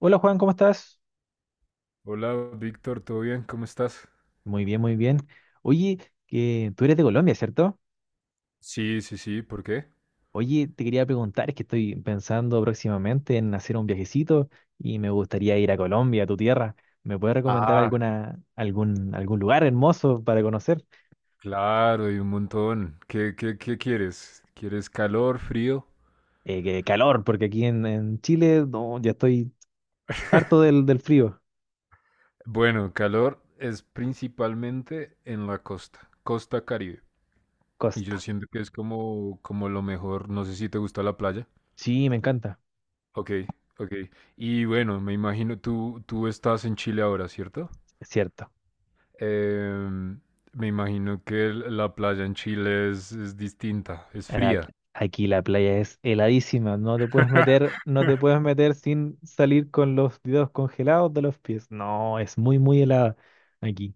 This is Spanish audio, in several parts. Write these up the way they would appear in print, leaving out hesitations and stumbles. Hola Juan, ¿cómo estás? Hola, Víctor, ¿todo bien? ¿Cómo estás? Muy bien, muy bien. Oye, que tú eres de Colombia, ¿cierto? Sí, sí, sí, ¿por qué? Oye, te quería preguntar, es que estoy pensando próximamente en hacer un viajecito y me gustaría ir a Colombia, a tu tierra. ¿Me puedes Ah, recomendar Ah, alguna, algún lugar hermoso para conocer? claro, y un montón. ¿Qué quieres? ¿Quieres calor, frío? Que calor, porque aquí en Chile no, ya estoy harto del frío. Bueno, calor es principalmente en la costa, costa Caribe. Y yo Costa. siento que es como lo mejor. No sé si te gusta la playa. Sí, me encanta. Ok, ok. Y bueno, me imagino, tú estás en Chile ahora, ¿cierto? Es cierto. Em, me imagino que la playa en Chile es distinta, es Ahora, fría. aquí, la playa es heladísima, no te puedes meter sin salir con los dedos congelados de los pies. No, es muy, muy helada aquí.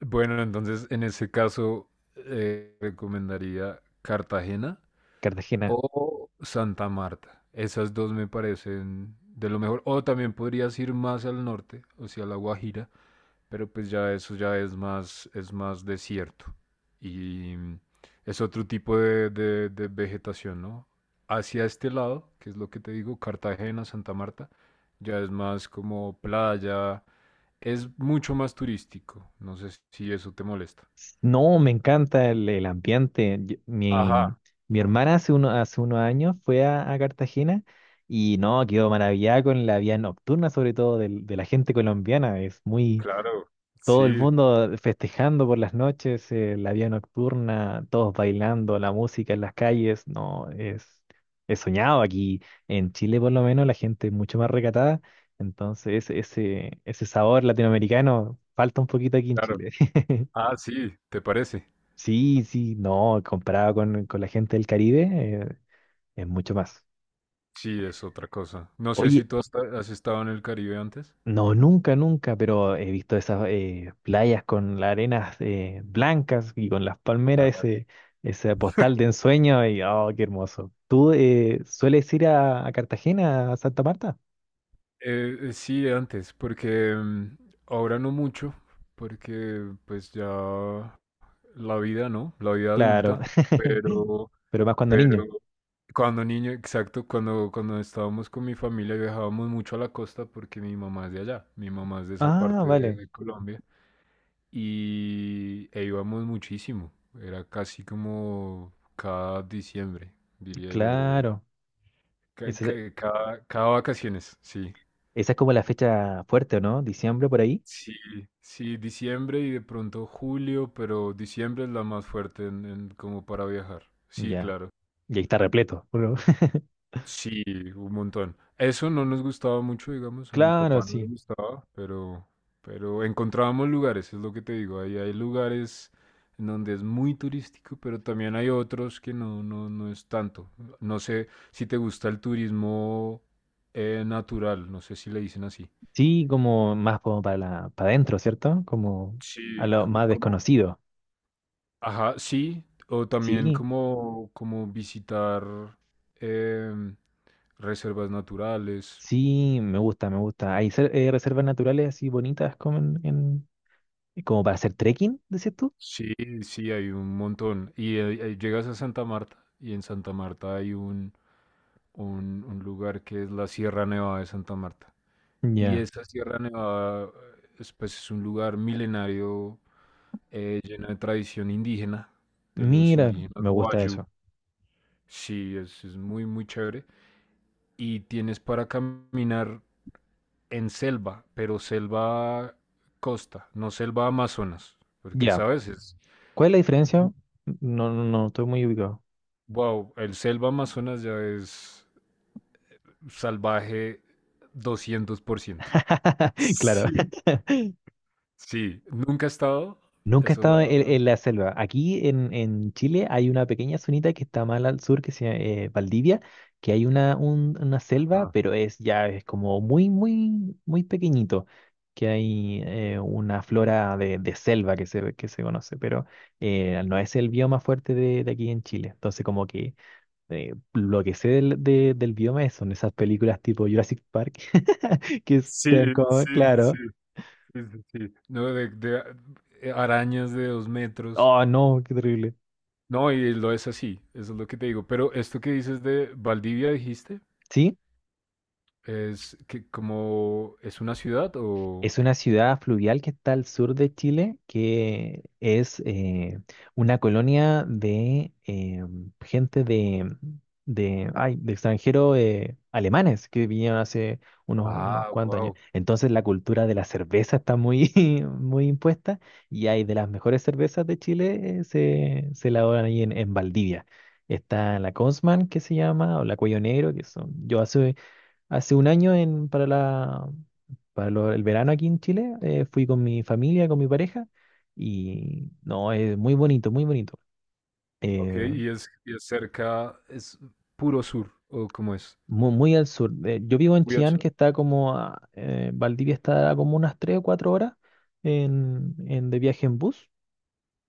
Bueno, entonces en ese caso recomendaría Cartagena Cartagena. o Santa Marta. Esas dos me parecen de lo mejor. O también podrías ir más al norte, o sea, La Guajira, pero pues ya eso ya es más desierto. Y es otro tipo de vegetación, ¿no? Hacia este lado, que es lo que te digo, Cartagena, Santa Marta, ya es más como playa, es mucho más turístico. No sé si eso te molesta. No, me encanta el ambiente. Yo- Ajá, mi, mi hermana hace unos años fue a Cartagena y no, quedó maravillada con la vida nocturna, sobre todo de la gente colombiana. Es muy. claro, Todo el sí, mundo festejando por las noches, la vida nocturna, todos bailando, la música en las calles, no, es soñado aquí. En Chile por lo menos la gente es mucho más recatada, entonces ese sabor latinoamericano falta un poquito aquí en claro. Chile. Ah, sí, ¿te parece? Sí, sí, no, comparado con la gente del Caribe, es mucho más. Sí, es otra cosa. No sé si Oye, tú has estado en el Caribe antes. no, nunca, nunca, pero he visto esas playas con las arenas blancas y con las palmeras, Claro. ese postal de ensueño y oh, qué hermoso. ¿Tú sueles ir a Cartagena, a Santa Marta? Sí, antes, porque ahora no mucho, porque pues ya la vida, ¿no? La vida Claro, adulta, pero, pero más cuando pero niño. cuando niño, exacto, cuando estábamos con mi familia viajábamos mucho a la costa porque mi mamá es de allá, mi mamá es de esa Ah, parte de vale, de Colombia. E íbamos muchísimo. Era casi como cada diciembre, diría yo. claro. Ca- Esa, es ca- Cada, cada vacaciones, sí. esa es como la fecha fuerte, ¿o no? Diciembre por ahí. Sí, sí, diciembre y de pronto julio, pero diciembre es la más fuerte en como para viajar. Sí, Ya, claro. y ahí está repleto. ¿O no? Sí, un montón. Eso no nos gustaba mucho, digamos, a mi Claro, papá no le sí. gustaba, pero encontrábamos lugares, es lo que te digo, ahí hay lugares en donde es muy turístico, pero también hay otros que no, no, no es tanto. No sé si te gusta el turismo natural, no sé si le dicen así. Sí, como más como para la, para adentro, ¿cierto? Como a Sí, lo como, más como, desconocido. ajá, sí, o también Sí. como visitar em, reservas naturales. Sí, me gusta, me gusta. Hay reservas naturales así bonitas como como para hacer trekking, decís tú. Sí, sí, hay un montón. Y llegas a Santa Marta y en Santa Marta hay un lugar que es la Sierra Nevada de Santa Marta. Y Ya, esa Sierra Nevada pues, es un lugar milenario lleno de tradición indígena, de los mira, indígenas me gusta Wayuu. eso. Sí, es muy, muy chévere. Y tienes para caminar en selva, pero selva costa, no selva Amazonas, porque, Ya, ¿sabes? Es ¿cuál es la diferencia? No, no, no, estoy muy ubicado. Wow, el selva Amazonas ya es salvaje 200%. Claro. Sí, sí, nunca he estado. Nunca he Eso es estado en, la... en la selva. Aquí en Chile hay una pequeña zonita que está más al sur, que se llama Valdivia, que hay una selva, Ajá. pero es ya es como muy, muy, muy pequeñito, que hay una flora de selva que se, conoce, pero no es el bioma fuerte de aquí en Chile. Entonces, como que lo que sé del bioma son esas películas tipo Jurassic Park, que Sí, están como, sí, sí, sí, claro, sí, sí, sí. No, arañas de dos metros. oh no, qué terrible. No, y lo es así, eso es lo que te digo. Pero esto que dices de Valdivia, dijiste, ¿Sí? es que como es una ciudad o... Es una ciudad fluvial que está al sur de Chile, que es una colonia de gente de extranjeros alemanes que vinieron hace unos Ah, cuantos años. wow. Entonces la cultura de la cerveza está muy, muy impuesta y hay de las mejores cervezas de Chile. Se elaboran ahí en Valdivia. Está la Consman que se llama, o la Cuello Negro, que son, yo hace Hace un año en, para la, para lo- el verano aquí en Chile, fui con mi familia, con mi pareja, y no, es muy bonito, muy bonito. Ok, Eh, y es cerca, es puro sur, o cómo es. muy al sur. Yo vivo en Chillán, que está Valdivia está como unas 3 o 4 horas de viaje en bus,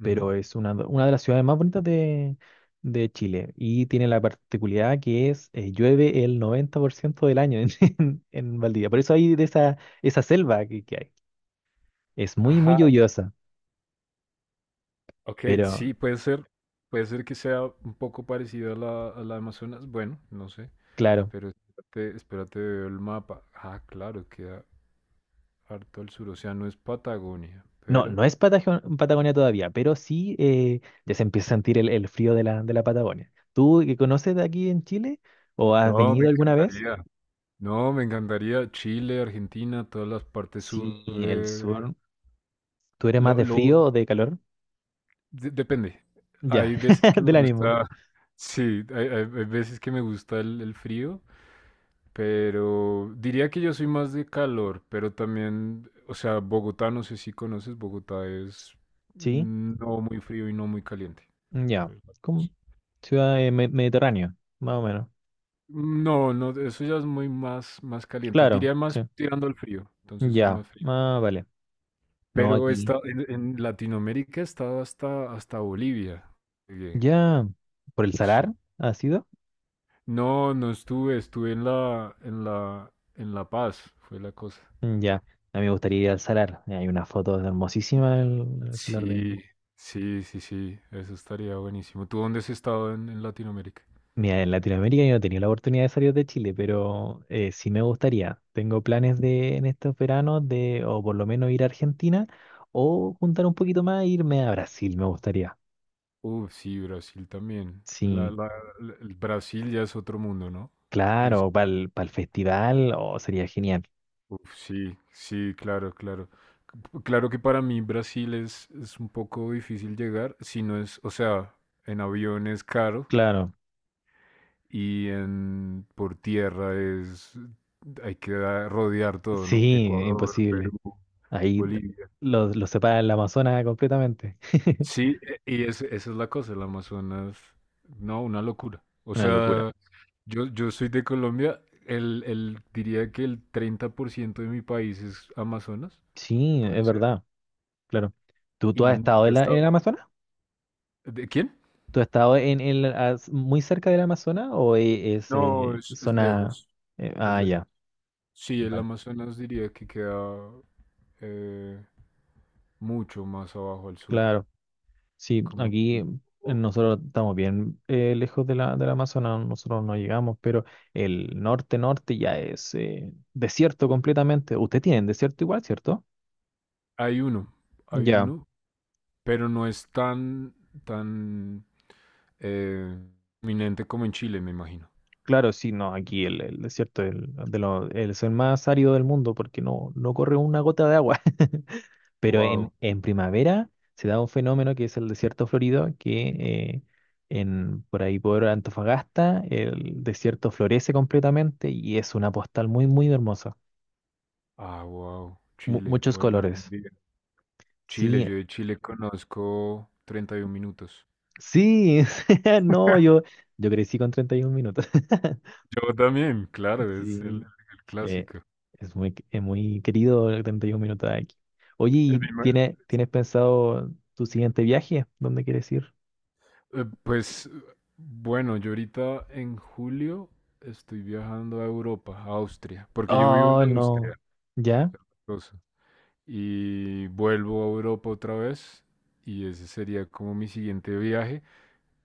Ujú. pero es una de las ciudades más bonitas de Chile, y tiene la particularidad que es, llueve el 90% del año en, en Valdivia. Por eso hay de esa selva que hay. Es muy, muy Ajá, lluviosa, ok, pero sí, puede ser que sea un poco parecido a la Amazonas, bueno, no sé, claro. pero espérate, espérate, veo el mapa. Ah, claro, queda harto al sur, o sea, no es Patagonia, No, pero... no es Patagonia todavía, pero sí ya se empieza a sentir el frío de la Patagonia. ¿Tú que conoces de aquí en Chile o has No, me venido alguna vez? encantaría, no, me encantaría Chile, Argentina, todas las partes Sí, sur el de... sur. ¿Tú eres más Lo, de lo, frío o de calor? Depende, Ya, hay veces que me del ánimo. gusta, sí, hay veces que me gusta el frío. Pero diría que yo soy más de calor, pero también, o sea, Bogotá, no sé si conoces, Bogotá es Sí, no muy frío y no muy caliente. ya. Es- Como ciudad mediterránea, más o menos. No, no, eso ya es muy más caliente. Claro, Diría más sí. tirando al frío, entonces es Ya, más frío. ah, vale. No Pero aquí. está en Latinoamérica está hasta Bolivia. Llegué. Ya, ¿por el Sí. salar ha sido? No, no estuve en La Paz, fue la cosa. Mm, ya, a mí me gustaría ir al Salar. Hay una foto hermosísima del Salar de... Sí, sí, sí, sí, eso estaría buenísimo. ¿Tú dónde has estado en Latinoamérica? Mira, en Latinoamérica yo no he tenido la oportunidad de salir de Chile, pero sí me gustaría. Tengo planes de en estos veranos de o por lo menos ir a Argentina o juntar un poquito más e irme a Brasil, me gustaría. Uf, sí, Brasil también. La, Sí, la- la- el Brasil ya es otro mundo, ¿no? Sí, sí. claro, para el, festival o sería genial. Uf, sí, sí, claro, claro. Claro que para mí Brasil es un poco difícil llegar, si no es, o sea, en avión es caro Claro, y en por tierra hay que rodear todo, ¿no? sí, Ecuador, Perú, imposible. Ahí t- Bolivia. Los separa el Amazonas completamente. Sí, esa es la cosa, el Amazonas, no, una locura. O Una locura. sea, yo soy de Colombia, diría que el 30% de mi país es Amazonas, Sí, puede es ser, verdad. Claro. ¿Tú y has estado nunca he en estado. el Amazonas? ¿De quién? ¿Tú has estado muy cerca del Amazonas o es No, es zona... lejos, es ah, lejos. ya. Sí, el Bueno, Amazonas diría que queda eh, mucho más abajo al sur, claro. Sí, como aquí tipo... nosotros estamos bien lejos del Amazonas, nosotros no llegamos, pero el norte-norte ya es desierto completamente. Ustedes tienen desierto igual, ¿cierto? Hay uno, hay Ya. uno, pero no es tan, tan Eh, eminente como en Chile, me imagino. Claro, sí, no, aquí el desierto es es el más árido del mundo porque no, no corre una gota de agua. Pero en, Wow. en primavera se da un fenómeno que es el desierto florido, que por ahí por Antofagasta el desierto florece completamente y es una postal muy, muy hermosa. Ah, wow. Mu- Chile. muchos Bueno, algún colores. día. Chile, Sí, yo de Chile conozco 31 minutos. sí, no, yo, crecí con 31 minutos. Yo también, claro, es el, Sí. el Eh, clásico. es muy querido el 31 minutos de aquí. Oye, Eh, ¿y me ima- tienes pensado tu siguiente viaje? ¿Dónde quieres ir? Pues bueno, yo ahorita en julio estoy viajando a Europa, a Austria, porque yo vivo en Oh, no. Austria, ¿Ya? cosa, y vuelvo a Europa otra vez, y ese sería como mi siguiente viaje.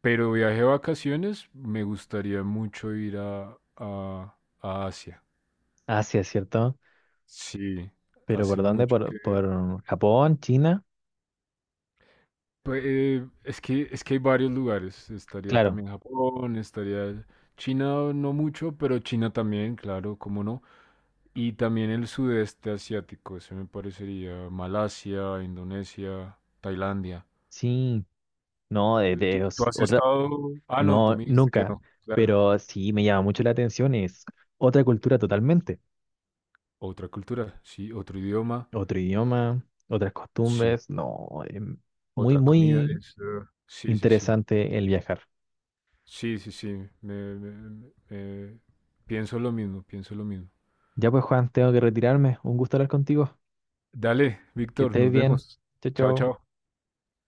Pero viaje de vacaciones, me gustaría mucho ir a, a Asia. Ah, sí, es cierto. Sí, ¿Pero hace por dónde? mucho que... Por Japón? ¿China? Pues, es que hay varios lugares. Estaría Claro. también Japón, estaría China, no mucho, pero China también, claro, cómo no. Y también el sudeste asiático, ese me parecería Malasia, Indonesia, Tailandia. Sí. No, ¿Tú, de tú os- has otra... estado...? Ah, no, tú No, me dijiste que nunca. no, claro. Pero sí me llama mucho la atención. Es otra cultura totalmente. Otra cultura, sí, otro idioma, Otro idioma, otras sí. costumbres. No, muy, Otra comida, muy sí, sí, sí, interesante el viajar. sí, sí, sí, me- me- me- me- pienso lo mismo, pienso lo mismo. Ya pues, Juan, tengo que retirarme. Un gusto hablar contigo. Dale, Que Víctor, estés nos bien. vemos. Chao, Chao, chao. chao.